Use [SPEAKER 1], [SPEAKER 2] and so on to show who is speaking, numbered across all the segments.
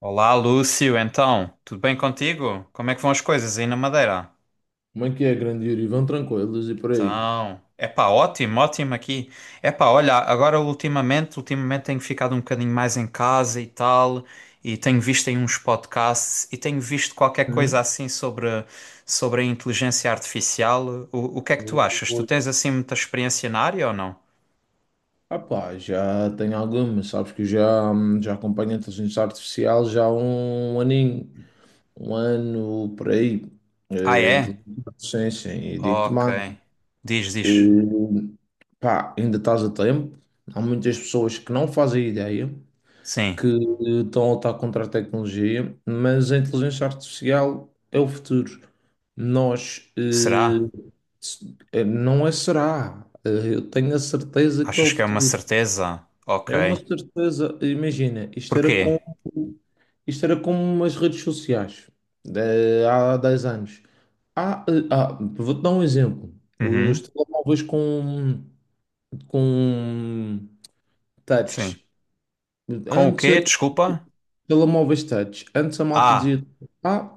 [SPEAKER 1] Olá, Lúcio. Então, tudo bem contigo? Como é que vão as coisas aí na Madeira?
[SPEAKER 2] Como é que é, grande Yuri? Vão tranquilos e por aí?
[SPEAKER 1] Então, epá, ótimo, ótimo aqui. Epá, olha, agora ultimamente tenho ficado um bocadinho mais em casa e tal, e tenho visto aí uns podcasts e tenho visto qualquer coisa
[SPEAKER 2] Hum?
[SPEAKER 1] assim sobre a inteligência artificial. O que é que tu achas? Tu
[SPEAKER 2] Oi.
[SPEAKER 1] tens assim muita experiência na área ou não?
[SPEAKER 2] Ah pá, já tenho algumas, sabes que eu já, já acompanho a inteligência artificial já há um aninho, um ano por aí.
[SPEAKER 1] Ah, é?
[SPEAKER 2] Inteligência artificial, e digo-te
[SPEAKER 1] Ok.
[SPEAKER 2] mais,
[SPEAKER 1] Diz, diz.
[SPEAKER 2] eh, pá, ainda estás a tempo. Há muitas pessoas que não fazem ideia, que
[SPEAKER 1] Sim.
[SPEAKER 2] estão a lutar contra a tecnologia, mas a inteligência artificial é o futuro. Nós,
[SPEAKER 1] Será?
[SPEAKER 2] não é será. Eu tenho a certeza que é o
[SPEAKER 1] Achas que é uma
[SPEAKER 2] futuro.
[SPEAKER 1] certeza?
[SPEAKER 2] É uma
[SPEAKER 1] Ok.
[SPEAKER 2] certeza. Imagina,
[SPEAKER 1] Porquê?
[SPEAKER 2] isto era como as redes sociais, há 10 anos. Vou-te dar um exemplo. Os
[SPEAKER 1] Uhum,
[SPEAKER 2] telemóveis com
[SPEAKER 1] sim.
[SPEAKER 2] touch.
[SPEAKER 1] Com o
[SPEAKER 2] Antes
[SPEAKER 1] quê? Desculpa?
[SPEAKER 2] telemóveis touch. Antes a malta
[SPEAKER 1] Ah,
[SPEAKER 2] dizia: Ah,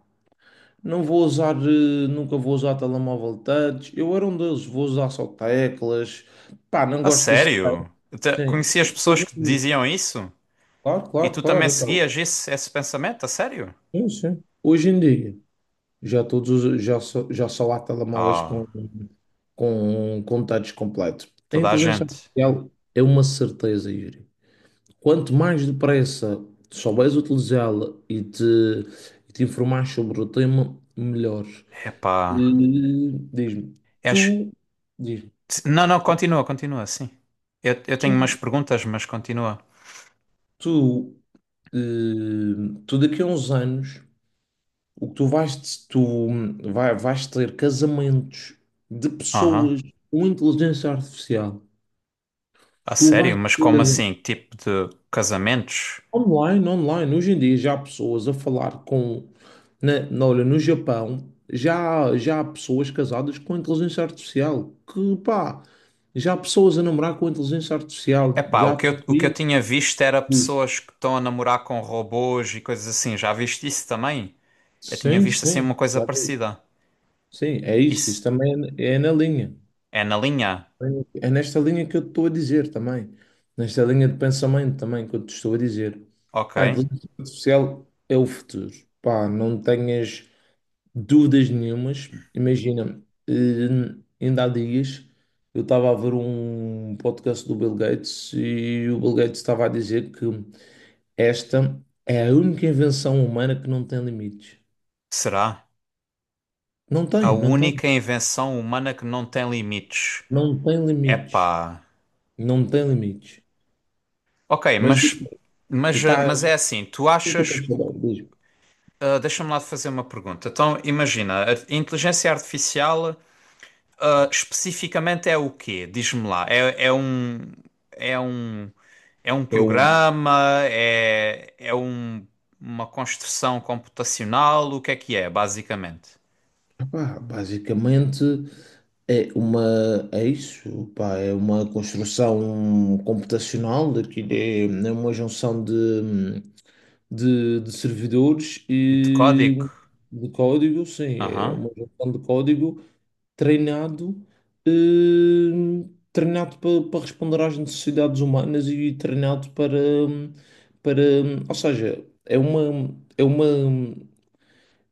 [SPEAKER 2] não vou usar, nunca vou usar telemóvel touch. Eu era um deles, vou usar só teclas. Pá, não
[SPEAKER 1] a
[SPEAKER 2] gosto desse touch.
[SPEAKER 1] sério? Eu
[SPEAKER 2] Sim.
[SPEAKER 1] conheci as pessoas
[SPEAKER 2] Hoje
[SPEAKER 1] que
[SPEAKER 2] em dia,
[SPEAKER 1] diziam isso?
[SPEAKER 2] claro,
[SPEAKER 1] E
[SPEAKER 2] claro,
[SPEAKER 1] tu também
[SPEAKER 2] claro. então,
[SPEAKER 1] seguias esse pensamento? A sério?
[SPEAKER 2] sim, sim. Hoje em dia, já só há telemóveis
[SPEAKER 1] Ah,
[SPEAKER 2] com touch completo. A
[SPEAKER 1] toda a
[SPEAKER 2] inteligência
[SPEAKER 1] gente.
[SPEAKER 2] artificial é uma certeza, Yuri. Quanto mais depressa souberes utilizá-la e te informares sobre o tema, melhor.
[SPEAKER 1] Epá.
[SPEAKER 2] Eh, Diz-me,
[SPEAKER 1] Acho...
[SPEAKER 2] tu, diz-me,
[SPEAKER 1] Não, não, continua, continua, sim. Eu tenho umas
[SPEAKER 2] tu,
[SPEAKER 1] perguntas, mas continua.
[SPEAKER 2] tu, tu daqui a uns anos, o que tu vais, tu vai, vais ter casamentos de
[SPEAKER 1] Aham.
[SPEAKER 2] pessoas com inteligência artificial.
[SPEAKER 1] A
[SPEAKER 2] Tu vais
[SPEAKER 1] sério? Mas como
[SPEAKER 2] ter
[SPEAKER 1] assim? Que tipo de casamentos?
[SPEAKER 2] online, hoje em dia já há pessoas a falar olha, no Japão, já há pessoas casadas com inteligência artificial. Que pá, já há pessoas a namorar com inteligência artificial,
[SPEAKER 1] Epá,
[SPEAKER 2] já
[SPEAKER 1] o
[SPEAKER 2] há
[SPEAKER 1] que eu
[SPEAKER 2] perfis.
[SPEAKER 1] tinha visto era pessoas que estão a namorar com robôs e coisas assim. Já viste isso também? Eu tinha
[SPEAKER 2] Sim,
[SPEAKER 1] visto assim uma
[SPEAKER 2] sim.
[SPEAKER 1] coisa
[SPEAKER 2] Claro.
[SPEAKER 1] parecida.
[SPEAKER 2] Sim, é isso. Isso
[SPEAKER 1] Isso
[SPEAKER 2] também é, é na linha.
[SPEAKER 1] é na linha?
[SPEAKER 2] É nesta linha que eu te estou a dizer também. Nesta linha de pensamento também que eu te estou a dizer.
[SPEAKER 1] Ok.
[SPEAKER 2] Pá, a inteligência artificial é o futuro. Pá, não tenhas dúvidas nenhumas. Imagina, eh, ainda há dias eu estava a ver um podcast do Bill Gates e o Bill Gates estava a dizer que esta é a única invenção humana que não tem limites.
[SPEAKER 1] Será?
[SPEAKER 2] Não
[SPEAKER 1] A
[SPEAKER 2] tem, não tem.
[SPEAKER 1] única invenção humana que não tem limites.
[SPEAKER 2] Não tem limites.
[SPEAKER 1] Epá.
[SPEAKER 2] Não tem limite.
[SPEAKER 1] Ok,
[SPEAKER 2] Mas tu
[SPEAKER 1] mas,
[SPEAKER 2] estás.
[SPEAKER 1] mas é
[SPEAKER 2] O
[SPEAKER 1] assim, tu
[SPEAKER 2] que tu
[SPEAKER 1] achas.
[SPEAKER 2] queres saber? Diz-me.
[SPEAKER 1] Ah, deixa-me lá fazer uma pergunta. Então, imagina, a inteligência artificial, ah, especificamente é o quê? Diz-me lá. É, é um. É um. É um
[SPEAKER 2] Eu,
[SPEAKER 1] programa? É, é um, uma construção computacional? O que é, basicamente?
[SPEAKER 2] pá, basicamente é uma. É isso, pá, é uma construção computacional, daquilo é, é uma junção de servidores
[SPEAKER 1] E de código?
[SPEAKER 2] e de código, sim, é
[SPEAKER 1] Aham.
[SPEAKER 2] uma junção de código. Treinado, treinado para, para responder às necessidades humanas e treinado ou seja, é uma,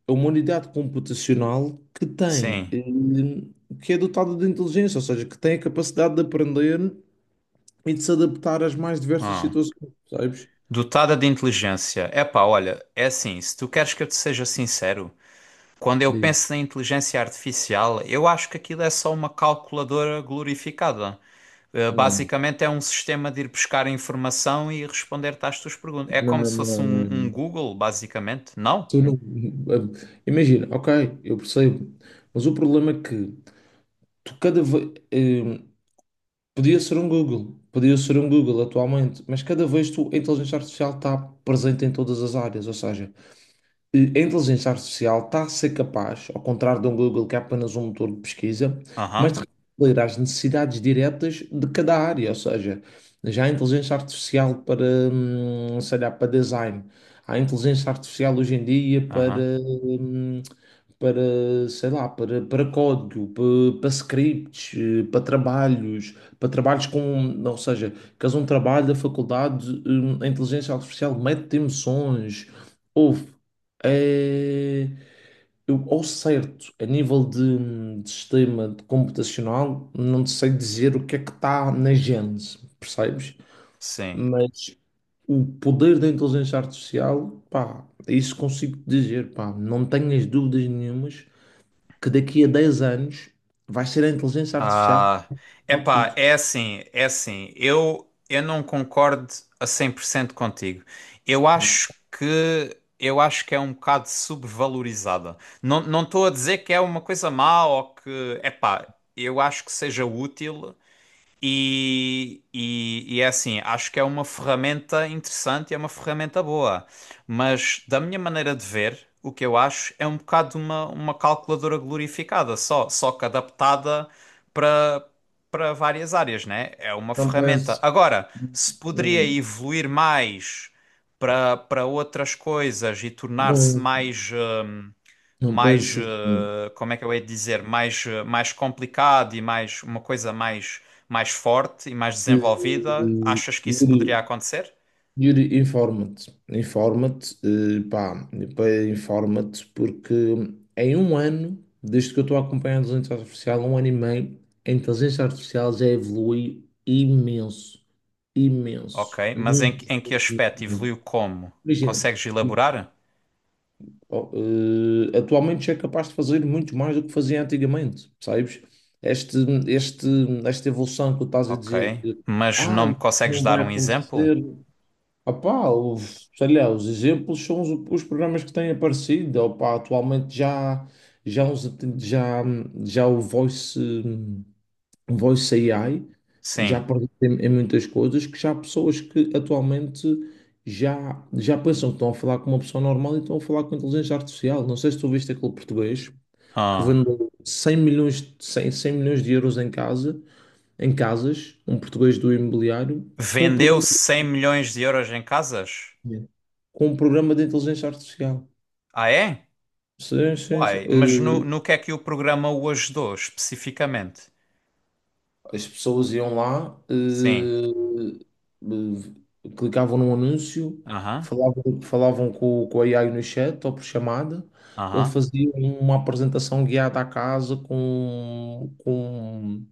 [SPEAKER 2] é uma unidade computacional que tem,
[SPEAKER 1] Sim.
[SPEAKER 2] que é dotada de inteligência, ou seja, que tem a capacidade de aprender e de se adaptar às mais diversas
[SPEAKER 1] Ah.
[SPEAKER 2] situações, sabes?
[SPEAKER 1] Dotada de inteligência. Epá, olha, é assim, se tu queres que eu te seja sincero, quando eu
[SPEAKER 2] Digo,
[SPEAKER 1] penso na inteligência artificial, eu acho que aquilo é só uma calculadora glorificada.
[SPEAKER 2] não,
[SPEAKER 1] Basicamente é um sistema de ir buscar informação e responder-te às tuas perguntas. É como
[SPEAKER 2] não,
[SPEAKER 1] se fosse
[SPEAKER 2] não,
[SPEAKER 1] um,
[SPEAKER 2] não.
[SPEAKER 1] um
[SPEAKER 2] não.
[SPEAKER 1] Google, basicamente, não?
[SPEAKER 2] Tu não- Imagina, ok, eu percebo, mas o problema é que tu cada vez. Podia ser um Google, podia ser um Google atualmente, mas cada vez tu, a inteligência artificial está presente em todas as áreas, ou seja, a inteligência artificial está a ser capaz, ao contrário de um Google que é apenas um motor de pesquisa, mas
[SPEAKER 1] Aham,
[SPEAKER 2] de responder às necessidades diretas de cada área, ou seja, já a inteligência artificial para, sei lá, para design, há a inteligência artificial hoje em dia
[SPEAKER 1] aham,
[SPEAKER 2] sei lá, para, para código, para, para scripts, para trabalhos com, ou seja, que um trabalho da faculdade, a inteligência artificial mete emoções, houve, é, eu, ao certo, a nível de sistema de computacional, não te sei dizer o que é que está na gênese, percebes?
[SPEAKER 1] sim.
[SPEAKER 2] Mas o poder da inteligência artificial, pá, isso consigo dizer, pá, não tenho as dúvidas nenhumas que daqui a 10 anos vai ser a inteligência artificial que
[SPEAKER 1] Ah,
[SPEAKER 2] vai
[SPEAKER 1] epá,
[SPEAKER 2] tudo.
[SPEAKER 1] é assim. Eu não concordo a 100% contigo.
[SPEAKER 2] Não,
[SPEAKER 1] Eu acho que é um bocado subvalorizada. Não, não estou a dizer que é uma coisa má ou que, epá, eu acho que seja útil, e é assim, acho que é uma ferramenta interessante e é uma ferramenta boa, mas da minha maneira de ver, o que eu acho é um bocado uma calculadora glorificada, só que adaptada para para várias áreas, né? É uma
[SPEAKER 2] não
[SPEAKER 1] ferramenta.
[SPEAKER 2] penso,
[SPEAKER 1] Agora, se poderia
[SPEAKER 2] hum,
[SPEAKER 1] evoluir mais para outras coisas e tornar-se
[SPEAKER 2] não,
[SPEAKER 1] mais
[SPEAKER 2] não
[SPEAKER 1] mais,
[SPEAKER 2] penso assim.
[SPEAKER 1] como é que eu hei de dizer, mais, mais complicado e mais uma coisa mais, mais forte e mais
[SPEAKER 2] Eh,
[SPEAKER 1] desenvolvida, achas que isso
[SPEAKER 2] Yuri,
[SPEAKER 1] poderia acontecer?
[SPEAKER 2] Informa-te, informa-te, porque em um ano, desde que eu estou a acompanhar a inteligência artificial, um ano e meio, a inteligência artificial já evolui imenso, imenso,
[SPEAKER 1] Ok, mas em,
[SPEAKER 2] muito,
[SPEAKER 1] em que
[SPEAKER 2] muito,
[SPEAKER 1] aspecto
[SPEAKER 2] muito.
[SPEAKER 1] evoluiu como?
[SPEAKER 2] Imagina.
[SPEAKER 1] Consegues elaborar?
[SPEAKER 2] Oh, atualmente já é capaz de fazer muito mais do que fazia antigamente, sabes? Este, este, esta evolução que tu estás a
[SPEAKER 1] Ok,
[SPEAKER 2] dizer que
[SPEAKER 1] mas
[SPEAKER 2] ah,
[SPEAKER 1] não me
[SPEAKER 2] isso
[SPEAKER 1] consegues
[SPEAKER 2] não
[SPEAKER 1] dar
[SPEAKER 2] vai
[SPEAKER 1] um exemplo?
[SPEAKER 2] acontecer. Sei lá, os exemplos são os programas que têm aparecido. Opá, atualmente já, uns- já, já o Voice um Voice AI já
[SPEAKER 1] Sim.
[SPEAKER 2] perdeu em muitas coisas que já há pessoas que atualmente já pensam que estão a falar com uma pessoa normal e estão a falar com inteligência artificial. Não sei se tu viste aquele português que
[SPEAKER 1] Ah.
[SPEAKER 2] vendeu 100 100 milhões de euros em casas, um português do imobiliário,
[SPEAKER 1] Vendeu 100 milhões de euros em casas?
[SPEAKER 2] com um programa de inteligência artificial.
[SPEAKER 1] Ah, é?
[SPEAKER 2] Sim, sim, sim.
[SPEAKER 1] Uai, mas
[SPEAKER 2] Eh,
[SPEAKER 1] no que é que o programa o ajudou especificamente?
[SPEAKER 2] as pessoas iam lá,
[SPEAKER 1] Sim.
[SPEAKER 2] clicavam num anúncio,
[SPEAKER 1] Aham,
[SPEAKER 2] falavam com a AI no chat ou por chamada. Ele
[SPEAKER 1] aham.
[SPEAKER 2] fazia uma apresentação guiada à casa com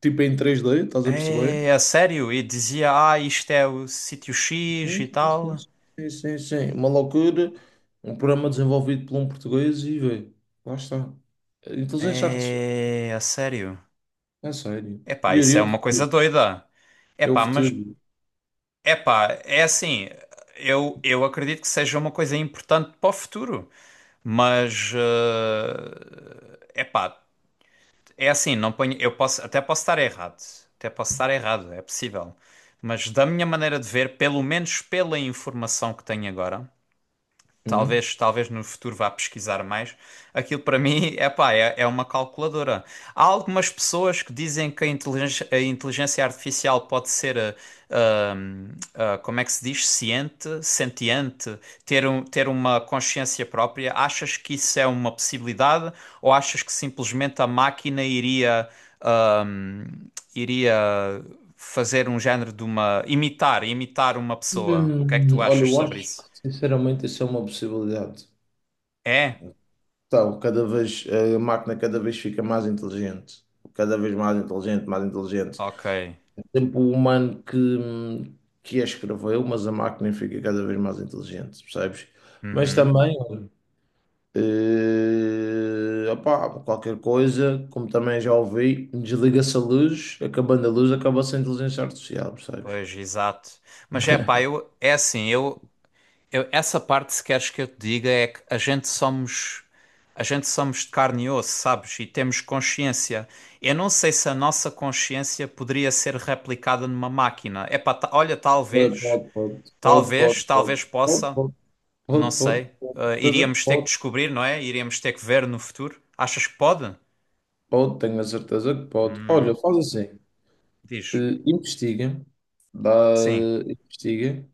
[SPEAKER 2] tipo em três d, estás a perceber?
[SPEAKER 1] É, a sério? E dizia, ah, isto é o sítio X
[SPEAKER 2] Sim,
[SPEAKER 1] e
[SPEAKER 2] sim, sim.
[SPEAKER 1] tal.
[SPEAKER 2] Sim, sim, sim. Uma loucura. Um programa desenvolvido por um português e vê, lá está. Inteligência artificial,
[SPEAKER 1] É, a sério?
[SPEAKER 2] é sério.
[SPEAKER 1] Epá,
[SPEAKER 2] Yuri,
[SPEAKER 1] isso
[SPEAKER 2] é
[SPEAKER 1] é
[SPEAKER 2] o
[SPEAKER 1] uma coisa
[SPEAKER 2] futuro.
[SPEAKER 1] doida.
[SPEAKER 2] É o
[SPEAKER 1] Epá, mas,
[SPEAKER 2] futuro.
[SPEAKER 1] epá, é assim, eu acredito que seja uma coisa importante para o futuro, mas, epá, é assim, não ponho, eu posso, até posso estar errado, até posso estar errado, é possível. Mas da minha maneira de ver, pelo menos pela informação que tenho agora, talvez, talvez no futuro vá pesquisar mais. Aquilo para mim é pá, é, é uma calculadora. Há algumas pessoas que dizem que a inteligência artificial pode ser, ah, ah, ah, como é que se diz, ciente, sentiente, ter, um, ter uma consciência própria. Achas que isso é uma possibilidade ou achas que simplesmente a máquina iria, ah, iria fazer um género de uma, imitar uma pessoa? O que é que tu
[SPEAKER 2] Olha,
[SPEAKER 1] achas
[SPEAKER 2] eu
[SPEAKER 1] sobre
[SPEAKER 2] acho que
[SPEAKER 1] isso?
[SPEAKER 2] sinceramente isso é uma possibilidade.
[SPEAKER 1] É?
[SPEAKER 2] Então, cada vez a máquina cada vez fica mais inteligente, cada vez mais inteligente, mais inteligente.
[SPEAKER 1] Ok.
[SPEAKER 2] Tempo o humano que a escreveu, mas a máquina fica cada vez mais inteligente, percebes? Mas
[SPEAKER 1] Uhum.
[SPEAKER 2] também, olha, opá, qualquer coisa, como também já ouvi, desliga-se a luz, acabando a luz, acaba-se a inteligência artificial, percebes?
[SPEAKER 1] Pois, exato. Mas é pá, eu, é assim, eu, essa parte se queres que eu te diga é que a gente somos de carne e osso, sabes? E temos consciência. Eu não sei se a nossa consciência poderia ser replicada numa máquina. É pá, olha,
[SPEAKER 2] Pode,
[SPEAKER 1] talvez,
[SPEAKER 2] pode, pode,
[SPEAKER 1] talvez,
[SPEAKER 2] pode, pode,
[SPEAKER 1] talvez
[SPEAKER 2] pode,
[SPEAKER 1] possa,
[SPEAKER 2] pode.
[SPEAKER 1] não
[SPEAKER 2] Pode, pode,
[SPEAKER 1] sei.
[SPEAKER 2] pode, certeza que
[SPEAKER 1] Iríamos ter que
[SPEAKER 2] pode,
[SPEAKER 1] descobrir, não é? Iríamos ter que ver no futuro. Achas que pode?
[SPEAKER 2] pode, tenho a certeza que pode. Olha, faz assim, eh,
[SPEAKER 1] Diz.
[SPEAKER 2] investiga, dá,
[SPEAKER 1] Sim,
[SPEAKER 2] investiga,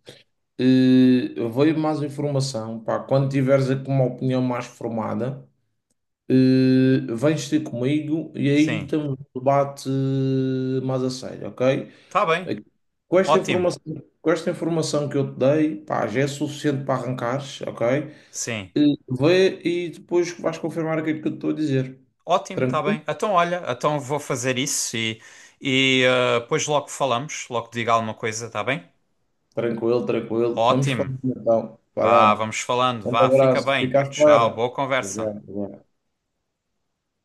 [SPEAKER 2] veio mais informação, pá, quando tiveres aqui uma opinião mais formada, eh, vens ter comigo e aí
[SPEAKER 1] sim.
[SPEAKER 2] temos um debate mais a sério, ok?
[SPEAKER 1] Tá bem.
[SPEAKER 2] Aqui- Com esta
[SPEAKER 1] Ótimo.
[SPEAKER 2] informação, com esta informação que eu te dei, pá, já é suficiente para arrancares, ok?
[SPEAKER 1] Sim.
[SPEAKER 2] Eh, vê e depois vais confirmar aquilo que eu te estou a dizer.
[SPEAKER 1] Ótimo, está
[SPEAKER 2] Tranquilo?
[SPEAKER 1] bem. Então, olha, então vou fazer isso e, e depois logo falamos, logo diga alguma coisa, está bem?
[SPEAKER 2] Tranquilo, tranquilo. Vamos
[SPEAKER 1] Ótimo.
[SPEAKER 2] falar então.
[SPEAKER 1] Vá,
[SPEAKER 2] Valeu.
[SPEAKER 1] vamos falando.
[SPEAKER 2] Um
[SPEAKER 1] Vá, fica
[SPEAKER 2] abraço.
[SPEAKER 1] bem.
[SPEAKER 2] Fica à
[SPEAKER 1] Tchau,
[SPEAKER 2] espera.
[SPEAKER 1] boa
[SPEAKER 2] Já,
[SPEAKER 1] conversa.
[SPEAKER 2] já.